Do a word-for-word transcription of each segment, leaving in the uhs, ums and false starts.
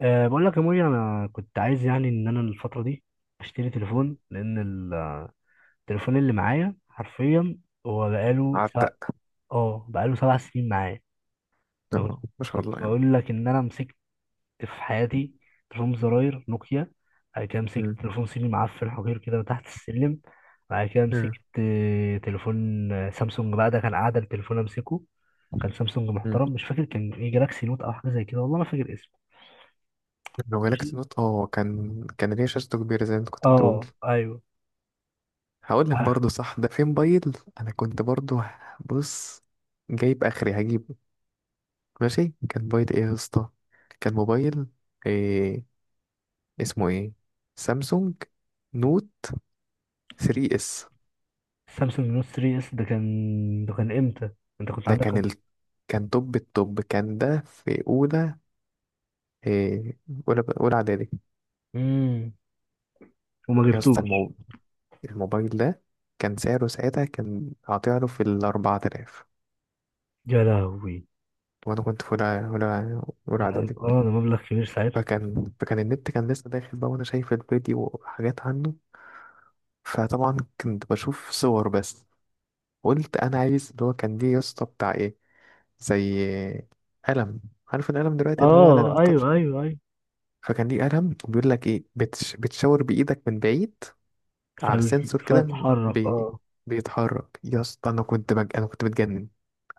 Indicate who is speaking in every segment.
Speaker 1: أه بقول لك يا موري، انا كنت عايز يعني ان انا الفتره دي اشتري تليفون لان ال- التليفون اللي معايا حرفيا هو بقاله سبع
Speaker 2: عتق.
Speaker 1: اه بقاله سبع سنين معايا. أنا كنت
Speaker 2: آه، ما شاء
Speaker 1: كنت
Speaker 2: الله يعني.
Speaker 1: بقول لك ان انا مسكت في حياتي تليفون زراير نوكيا، بعد كده
Speaker 2: مم.
Speaker 1: مسكت تليفون صيني معفن حقير كده تحت السلم. بعد كده
Speaker 2: مم.
Speaker 1: مسكت آه، تليفون آه، سامسونج، بقى ده كان قاعده التليفون امسكه. كان سامسونج
Speaker 2: مم.
Speaker 1: محترم، مش فاكر كان ايه، جالاكسي نوت او حاجه زي كده، والله ما فاكر اسمه.
Speaker 2: لو جالك
Speaker 1: ماشي.
Speaker 2: نوت اه كان كان ليه شاشته كبيرة زي ما انت كنت بتقول.
Speaker 1: اه ايوه.
Speaker 2: هقول لك برضه صح، ده في موبايل. انا كنت برضه. بص، جايب اخري هجيبه. ماشي، كان موبايل ايه يا اسطى؟ كان موبايل إيه؟ اسمه ايه؟ سامسونج نوت تلاتة اس.
Speaker 1: سامسونج نوت تلاتة اس، ده كان ده كان امتى؟ انت كنت
Speaker 2: ده
Speaker 1: عندك
Speaker 2: كان
Speaker 1: خم...
Speaker 2: ال... كان توب التوب، كان ده في اولى. إيه؟ اولى اولى اعدادي.
Speaker 1: امم وما
Speaker 2: يا اسطى
Speaker 1: جبتوش؟
Speaker 2: الموبايل ده كان سعره ساعتها، كان هطيعله في الأربعة آلاف.
Speaker 1: يا لهوي.
Speaker 2: وأنا كنت في أولى أولى أولى
Speaker 1: لا،
Speaker 2: إعدادي.
Speaker 1: اه ده مبلغ كبير ساعتها.
Speaker 2: فكان فكان النت كان لسه داخل بقى، وأنا شايف الفيديو وحاجات عنه. فطبعا كنت بشوف صور بس. قلت أنا عايز اللي هو كان ليه يا اسطى بتاع إيه، زي قلم. عارف القلم دلوقتي اللي هو القلم
Speaker 1: اه
Speaker 2: التاتش
Speaker 1: ايوه
Speaker 2: ده.
Speaker 1: ايوه ايوه.
Speaker 2: فكان ليه قلم، وبيقول لك إيه، بتش... بتشاور بإيدك من بعيد على
Speaker 1: فال...
Speaker 2: سنسور كده.
Speaker 1: فاتحرك
Speaker 2: بي...
Speaker 1: اه
Speaker 2: بيتحرك يا اسطى. أنا كنت بج... أنا كنت بتجنن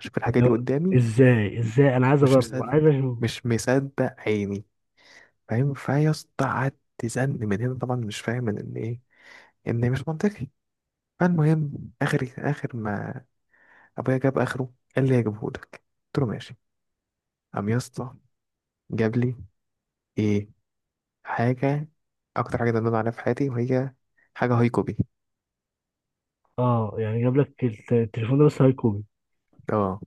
Speaker 2: أشوف الحاجة
Speaker 1: يعني
Speaker 2: دي
Speaker 1: هو-
Speaker 2: قدامي.
Speaker 1: ازاي ازاي، انا عايز
Speaker 2: مش
Speaker 1: اجرب،
Speaker 2: مصدق،
Speaker 1: عايز اشوف.
Speaker 2: مش مصدق عيني. فاهم؟ فيا اسطى قعدت تزن من هنا، طبعا مش فاهم من ان ايه، ان مش منطقي. فالمهم اخر اخر ما ابويا جاب اخره، قال لي هجيبه لك، قلت له ماشي. قام يا اسطى جاب لي ايه؟ حاجه، اكتر حاجه ندمان عليها في حياتي، وهي حاجه هايكوبي.
Speaker 1: اه يعني جاب لك الت- التليفون ده بس هاي كوبي؟
Speaker 2: اه،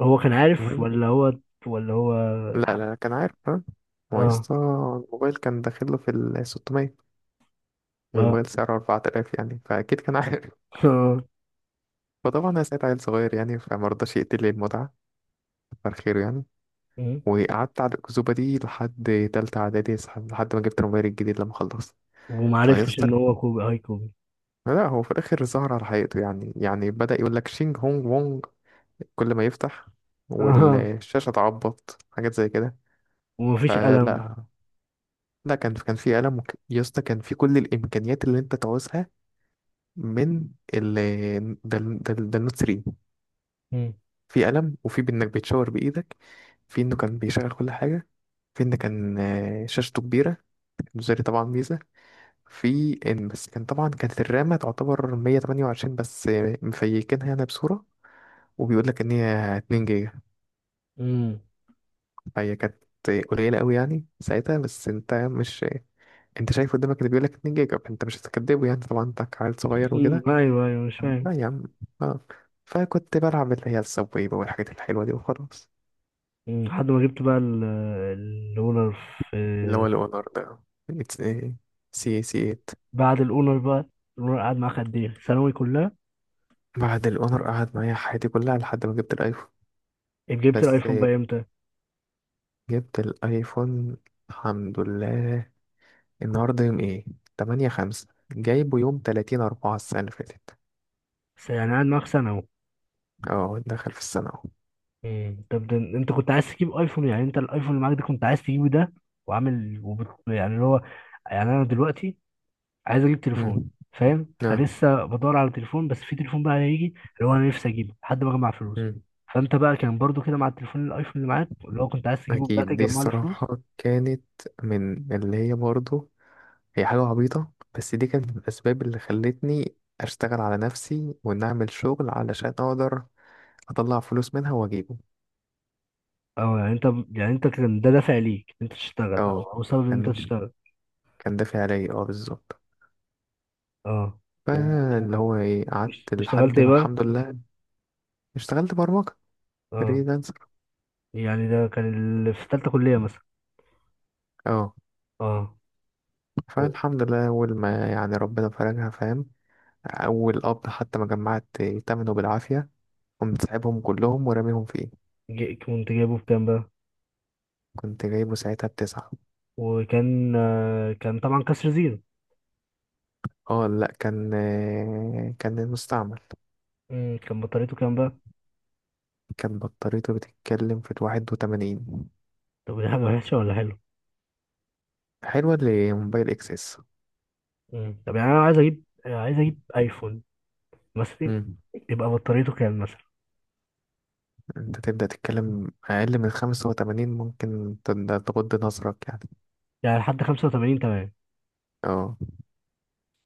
Speaker 1: هو كان عارف
Speaker 2: المهم.
Speaker 1: ولا هو ولا هو؟
Speaker 2: لا، لا، كان عارف، ها.
Speaker 1: اه
Speaker 2: ما هو يا
Speaker 1: اه.
Speaker 2: اسطى الموبايل كان داخله في ال ستمية، والموبايل سعره أربعة آلاف، يعني فاكيد كان عارف.
Speaker 1: اه.
Speaker 2: فطبعا انا ساعة عيل صغير يعني، فما رضاش يقتل لي المتعه، كتر خيره يعني.
Speaker 1: امم
Speaker 2: وقعدت على الأكذوبة دي لحد تالتة إعدادي، صح- لحد ما جبت الموبايل الجديد لما خلصت
Speaker 1: ومعرفتش ان
Speaker 2: فيستر.
Speaker 1: هو كوبي، هاي كوبي.
Speaker 2: لا، هو في الآخر ظهر على حقيقته، يعني يعني بدأ يقول لك شينج هونج وونج كل ما يفتح،
Speaker 1: اه.
Speaker 2: والشاشة تعبط حاجات زي كده.
Speaker 1: ومفيش قلم؟
Speaker 2: فلا، لا، كان كان في ألم وك- يا اسطى، كان في كل الإمكانيات اللي أنت تعوزها، من ال ده ده ده النوت تلاتة. في قلم، وفي بإنك بتشاور بإيدك، في إنه كان بيشغل كل حاجة، في إن كان آه، شاشته كبيرة، المزاري طبعا ميزة. في إن بس كان طبعا، كانت الرامة تعتبر مية وتمانية وعشرين بس، آه، مفيكينها أنا بصورة، وبيقول لك إن هي 2 جيجا.
Speaker 1: امم.
Speaker 2: فهي كانت قليلة أوي يعني ساعتها، بس أنت مش أنت شايف قدامك اللي بيقول لك 2 جيجا، فأنت مش هتكدبه، يعني طبعا أنت عيل صغير
Speaker 1: مم،
Speaker 2: وكده.
Speaker 1: ايوه ايوه، مش فاهم.
Speaker 2: لا يا عم. آه. فكنت بلعب اللي هي السبوي بقى، والحاجات الحلوة دي وخلاص.
Speaker 1: مم، لحد ما جبت بقى ال- الاونر، في.
Speaker 2: اللي هو الأونر ده، سي سي تمانية.
Speaker 1: بعد الاونر بقى، الاونر قعد معاك قد ايه، ثانوي كلها؟
Speaker 2: بعد الأونر قعد معايا حياتي كلها لحد ما جبت الأيفون.
Speaker 1: جبت
Speaker 2: بس.
Speaker 1: الايفون بقى امتى؟
Speaker 2: جبت الأيفون، الحمد لله. النهاردة يوم ايه؟ تمانية خمسة، جايبه يوم تلاتين أربعة السنة اللي فاتت.
Speaker 1: س- يعني قعد معاك سنه اهو.
Speaker 2: اه، دخل في السنة اهو.
Speaker 1: مم، طب ده انت كنت عايز تجيب ايفون؟ يعني انت الايفون اللي معاك ده كنت عايز تجيبه ده، وعامل وبت... يعني اللي هو، يعني انا دلوقتي عايز اجيب
Speaker 2: مم.
Speaker 1: تليفون، فاهم؟
Speaker 2: اه.
Speaker 1: فلسه بدور على تليفون، بس في تليفون بقى هيجي اللي هو انا نفسي اجيبه لحد ما اجمع فلوس.
Speaker 2: مم.
Speaker 1: فانت بقى كان برضو كده مع التليفون، الايفون اللي معاك اللي هو كنت عايز تجيبه، بدأت
Speaker 2: أكيد، دي
Speaker 1: تجمع له فلوس؟
Speaker 2: الصراحة كانت من اللي هي برضه، هي حاجة عبيطة، بس دي كانت من الأسباب اللي خلتني أشتغل على نفسي، وإن أعمل شغل علشان أقدر اطلع فلوس منها واجيبه.
Speaker 1: اه يعني انت، يعني انت كان ده دافع ليك ان انت تشتغل، او
Speaker 2: اه،
Speaker 1: او سبب ان انت
Speaker 2: كان
Speaker 1: تشتغل؟
Speaker 2: كان دافع عليا، اه، بالظبط.
Speaker 1: اه. و... و...
Speaker 2: فاللي هو ايه،
Speaker 1: وش-
Speaker 2: قعدت
Speaker 1: اشتغلت
Speaker 2: لحد
Speaker 1: ايه
Speaker 2: ما
Speaker 1: بقى؟
Speaker 2: الحمد لله اشتغلت برمجة
Speaker 1: اه.
Speaker 2: فريلانسر.
Speaker 1: يعني ده كان اللي في تالتة كلية مثلا؟
Speaker 2: اه،
Speaker 1: اه. و...
Speaker 2: فالحمد لله اول ما يعني ربنا فرجها، فاهم. اول قبض حتى ما جمعت تمنه بالعافية، قمت سايبهم كلهم وراميهم فيه.
Speaker 1: ج- كنت جايبه بكام بقى؟
Speaker 2: كنت جايبه ساعتها بتسعة.
Speaker 1: وكان آه، كان طبعا كسر زيرو؟
Speaker 2: اه، لا، كان آه، كان المستعمل.
Speaker 1: مم، كان بطاريته كام بقى؟
Speaker 2: كان بطاريته بتتكلم في واحد وتمانين.
Speaker 1: طب دي حاجة وحشة ولا حلوة؟
Speaker 2: حلوة لموبايل اكسس.
Speaker 1: مم. طب يعني انا عايز اجيب، عايز اجيب ايفون مثلا، يبقى بطاريته كام مثلا؟
Speaker 2: انت تبدأ تتكلم اقل من خمسة وتمانين، ممكن تد- تغض نظرك يعني.
Speaker 1: يعني لحد خمسة وتمانين، تمام.
Speaker 2: اه.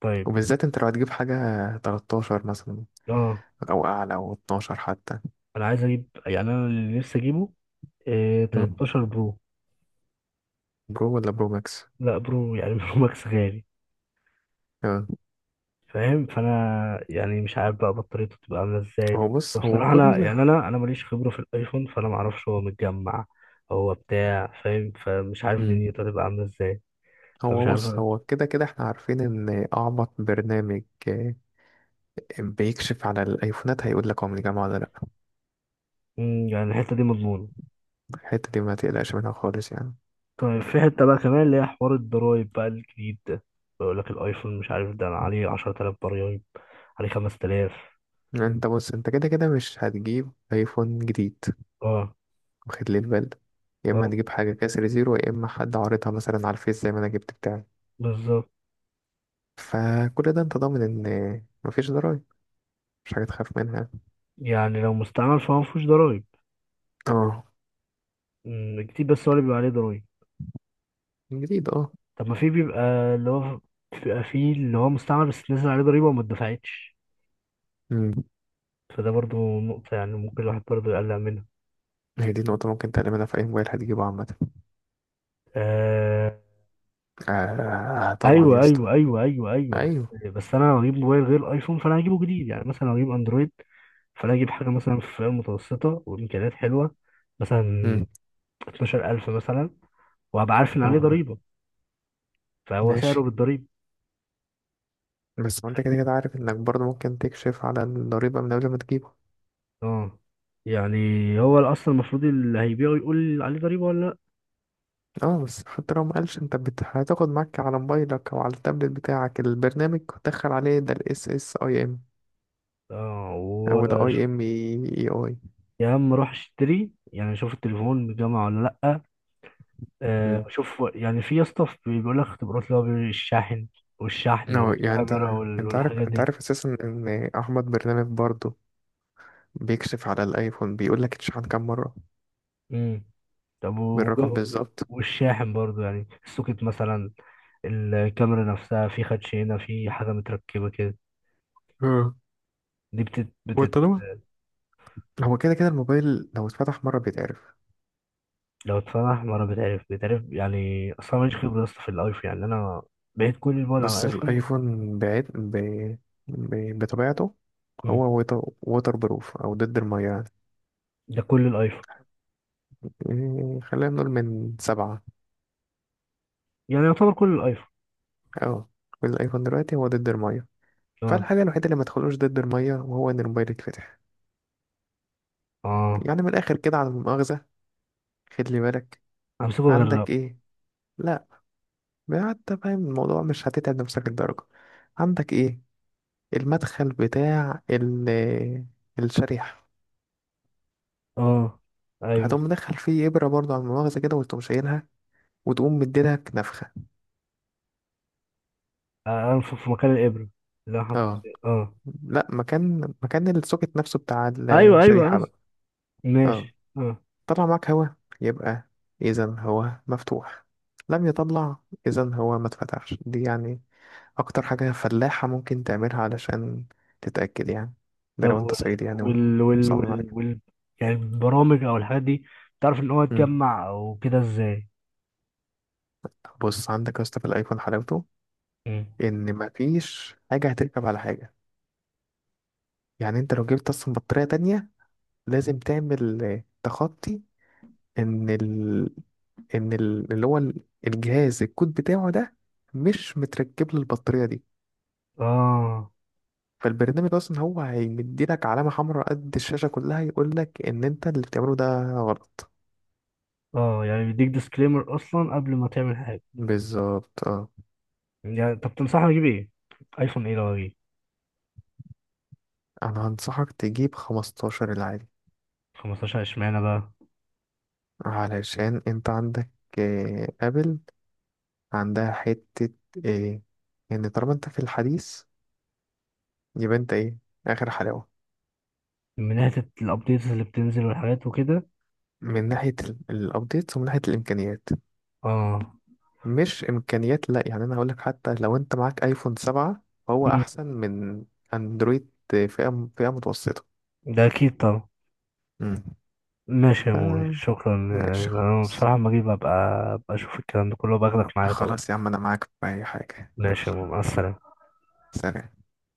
Speaker 1: طيب.
Speaker 2: وبالذات انت لو هتجيب حاجة تلتاشر مثلا،
Speaker 1: اه
Speaker 2: او اعلى، او اتناشر حتى.
Speaker 1: انا عايز اجيب، يعني انا اللي نفسي اجيبه إيه،
Speaker 2: مم.
Speaker 1: تلتاشر برو.
Speaker 2: برو ولا برو ماكس؟
Speaker 1: لا برو يعني، برو ماكس غالي.
Speaker 2: اه.
Speaker 1: فاهم؟ فانا يعني مش عارف بقى بطاريته بتبقى عامله ازاي.
Speaker 2: هو بص، هو
Speaker 1: وبصراحه انا
Speaker 2: كل.
Speaker 1: يعني انا انا ماليش خبره في الايفون، فانا ما اعرفش هو متجمع، هو بتاع، فاهم؟ فمش عارف
Speaker 2: مم.
Speaker 1: دنيته هتبقى عامله ازاي. فمش
Speaker 2: هو
Speaker 1: عارف
Speaker 2: بص،
Speaker 1: أنا.
Speaker 2: هو كده كده احنا عارفين ان اعمق برنامج اه، بيكشف على الايفونات، هيقول لك هو من الجامعة ولا لا.
Speaker 1: مم، يعني الحته دي مضمونه؟
Speaker 2: الحتة دي ما تقلقش منها خالص يعني.
Speaker 1: طيب في حته بقى كمان اللي هي حوار الضرايب بقى الجديد ده، بيقول لك الايفون مش عارف ده عليه عشرة آلاف ضرايب، عليه خمسة آلاف.
Speaker 2: انت بص، انت كده كده مش هتجيب ايفون جديد،
Speaker 1: اه
Speaker 2: واخد لي البال ده. يا اما
Speaker 1: اه
Speaker 2: هتجيب حاجه كسر زيرو، يا اما حد عارضها مثلا على الفيس زي ما انا جبت بتاعي.
Speaker 1: بالظبط.
Speaker 2: فكل ده انت ضامن ان مفيش ضرايب، مش حاجه تخاف منها.
Speaker 1: يعني لو مستعمل فهو مفيهوش ضرايب؟
Speaker 2: اه.
Speaker 1: مم، جديد بس هو اللي بيبقى عليه ضرايب.
Speaker 2: جديد، اه.
Speaker 1: طب ما في بيبقى اللي هو بيبقى في اللي هو مستعمل بس نزل عليه ضريبة وما اتدفعتش،
Speaker 2: امم.
Speaker 1: فده برضو نقطة يعني ممكن الواحد برضو يقلق منها.
Speaker 2: هي دي نقطه ممكن تعملها في اي موبايل هتجيبه عامه.
Speaker 1: آه...
Speaker 2: آه طبعا يا
Speaker 1: أيوة
Speaker 2: اسطى.
Speaker 1: أيوة أيوة أيوة أيوة، بس
Speaker 2: ايوه.
Speaker 1: بس أنا لو هجيب موبايل غير أيفون فأنا هجيبه جديد، يعني مثلا لو هجيب أندرويد فأنا هجيب حاجة مثلا في فئة متوسطة وإمكانيات حلوة، مثلا
Speaker 2: امم.
Speaker 1: اثنا عشر ألف مثلا، وهبقى عارف إن عليه
Speaker 2: اه.
Speaker 1: ضريبة، فهو سعره
Speaker 2: ماشي.
Speaker 1: بالضريبة.
Speaker 2: بس ما انت كده كده عارف انك برضه ممكن تكشف على الضريبه من قبل ما تجيبه.
Speaker 1: اه يعني هو اصلا المفروض اللي هيبيعه يقول عليه ضريبه ولا؟
Speaker 2: اه. بس حتى لو مقالش، انت بت... هتاخد معاك على موبايلك او على التابلت بتاعك البرنامج، وتدخل عليه، ده الاس اس اي ام
Speaker 1: اه
Speaker 2: او ال اي
Speaker 1: وشوف.
Speaker 2: ام اي اي.
Speaker 1: يا عم روح اشتري، يعني شوف التليفون بجامعة ولا لأ. آه
Speaker 2: امم.
Speaker 1: شوف يعني في يا اسطى في- بيقول لك اختبارات اللي هو بيقول الشاحن والشحن
Speaker 2: اه يعني، انت
Speaker 1: والكاميرا وال-
Speaker 2: انت عارف
Speaker 1: والحاجات
Speaker 2: انت
Speaker 1: دي.
Speaker 2: عارف اساسا ان احمد برنامج برضه بيكشف على الايفون، بيقول لك اتشحن كام مره،
Speaker 1: امم. طب و-
Speaker 2: بالرقم
Speaker 1: وج-
Speaker 2: بالظبط.
Speaker 1: والشاحن برضو يعني، السوكت مثلا، الكاميرا نفسها في خدش، هنا في حاجة متركبة كده.
Speaker 2: اه.
Speaker 1: دي بتت,
Speaker 2: هو
Speaker 1: بتت
Speaker 2: طالما، هو كده كده الموبايل لو اتفتح مره بيتعرف.
Speaker 1: لو اتفتح مرة بتعرف بتعرف يعني. أصلا ماليش خبرة يا اسطى في الأيفون، يعني أنا بعيد كل البعد عن
Speaker 2: بس
Speaker 1: الأيفون.
Speaker 2: الايفون بعيد ب... ب... بطبيعته.
Speaker 1: مم.
Speaker 2: هو ووتر ووتر بروف، او ضد الميه يعني.
Speaker 1: ده كل الأيفون؟
Speaker 2: إيه، خلينا نقول من سبعة.
Speaker 1: يعني يعتبر كل الأيفون.
Speaker 2: اه. والايفون دلوقتي هو ضد الميه، فالحاجه الوحيده اللي ما تدخلوش ضد الميه وهو ان الموبايل يتفتح.
Speaker 1: اه
Speaker 2: يعني من الآخر كده على المؤاخذة، خلي بالك.
Speaker 1: امسكه غير.
Speaker 2: عندك إيه؟ لا، حتى فاهم الموضوع مش هتتعب نفسك الدرجة. عندك إيه؟ المدخل بتاع ال الشريحة.
Speaker 1: اه ايوه.
Speaker 2: هتقوم مدخل فيه إبرة برضه على المؤاخذة كده، وتقوم شايلها، وتقوم مديلك نفخة.
Speaker 1: آه، انفخ في مكان الابره اللي انا حاطط
Speaker 2: اه.
Speaker 1: فيه اه.
Speaker 2: لا، مكان مكان السوكت نفسه بتاع
Speaker 1: ايوه ايوه
Speaker 2: الشريحة
Speaker 1: قصدي.
Speaker 2: بقى. اه.
Speaker 1: ماشي اه.
Speaker 2: طلع معاك هوا، يبقى إذا هو مفتوح. لم يطلع، إذا هو ما اتفتحش. دي يعني اكتر حاجة فلاحة ممكن تعملها علشان تتأكد يعني. ده
Speaker 1: طب
Speaker 2: لو انت صعيدي يعني
Speaker 1: وال وال
Speaker 2: ومصمم على
Speaker 1: وال,
Speaker 2: كده.
Speaker 1: وال... يعني البرامج او الحاجات دي بتعرف ان هو
Speaker 2: مم.
Speaker 1: يتجمع او كده ازاي؟
Speaker 2: طب بص، عندك يا اسطى في الايفون حلاوته
Speaker 1: مم.
Speaker 2: ان مفيش حاجة هتركب على حاجة. يعني انت لو جبت اصلا بطارية تانية، لازم تعمل آه، تخطي ان ال... ان ال... اللي هو ال- الجهاز، الكود بتاعه ده مش متركب للبطارية دي.
Speaker 1: اه
Speaker 2: فالبرنامج اصلا هو هيمديلك علامة حمراء قد الشاشة كلها، يقولك ان انت اللي بتعمله ده غلط.
Speaker 1: اه، يعني بيديك ديسكليمر اصلا قبل ما تعمل حاجه؟
Speaker 2: بالظبط، اه.
Speaker 1: يعني طب تنصحني اجيب ايه، ايفون ايه لو اجيب؟
Speaker 2: انا هنصحك تجيب خمستاشر العادي،
Speaker 1: خمستاشر؟ اشمعنى بقى؟
Speaker 2: علشان انت عندك آه، ابل عندها حتة ايه، ان طالما انت في الحديث يبقى انت ايه، اخر حلاوة.
Speaker 1: من ناحيه الابديتس اللي بتنزل والحاجات وكده؟
Speaker 2: من ناحية الابديت، ومن ناحية الامكانيات.
Speaker 1: اه.
Speaker 2: مش امكانيات لا يعني، انا هقولك حتى لو انت معاك ايفون سبعة فهو
Speaker 1: مم.
Speaker 2: احسن من اندرويد فئة فئة متوسطة.
Speaker 1: ده اكيد طبعا.
Speaker 2: امم.
Speaker 1: ماشي يا موري،
Speaker 2: آه،
Speaker 1: شكرا.
Speaker 2: ماشي
Speaker 1: انا
Speaker 2: خلاص.
Speaker 1: بصراحة لما اجي ببقى، ببقى اشوف الكلام ده كله، باخدك معايا طبعا.
Speaker 2: خلاص يا عم، انا معاك في اي حاجة، يلا.
Speaker 1: ماشي يا موري، مع السلامة.
Speaker 2: سلام.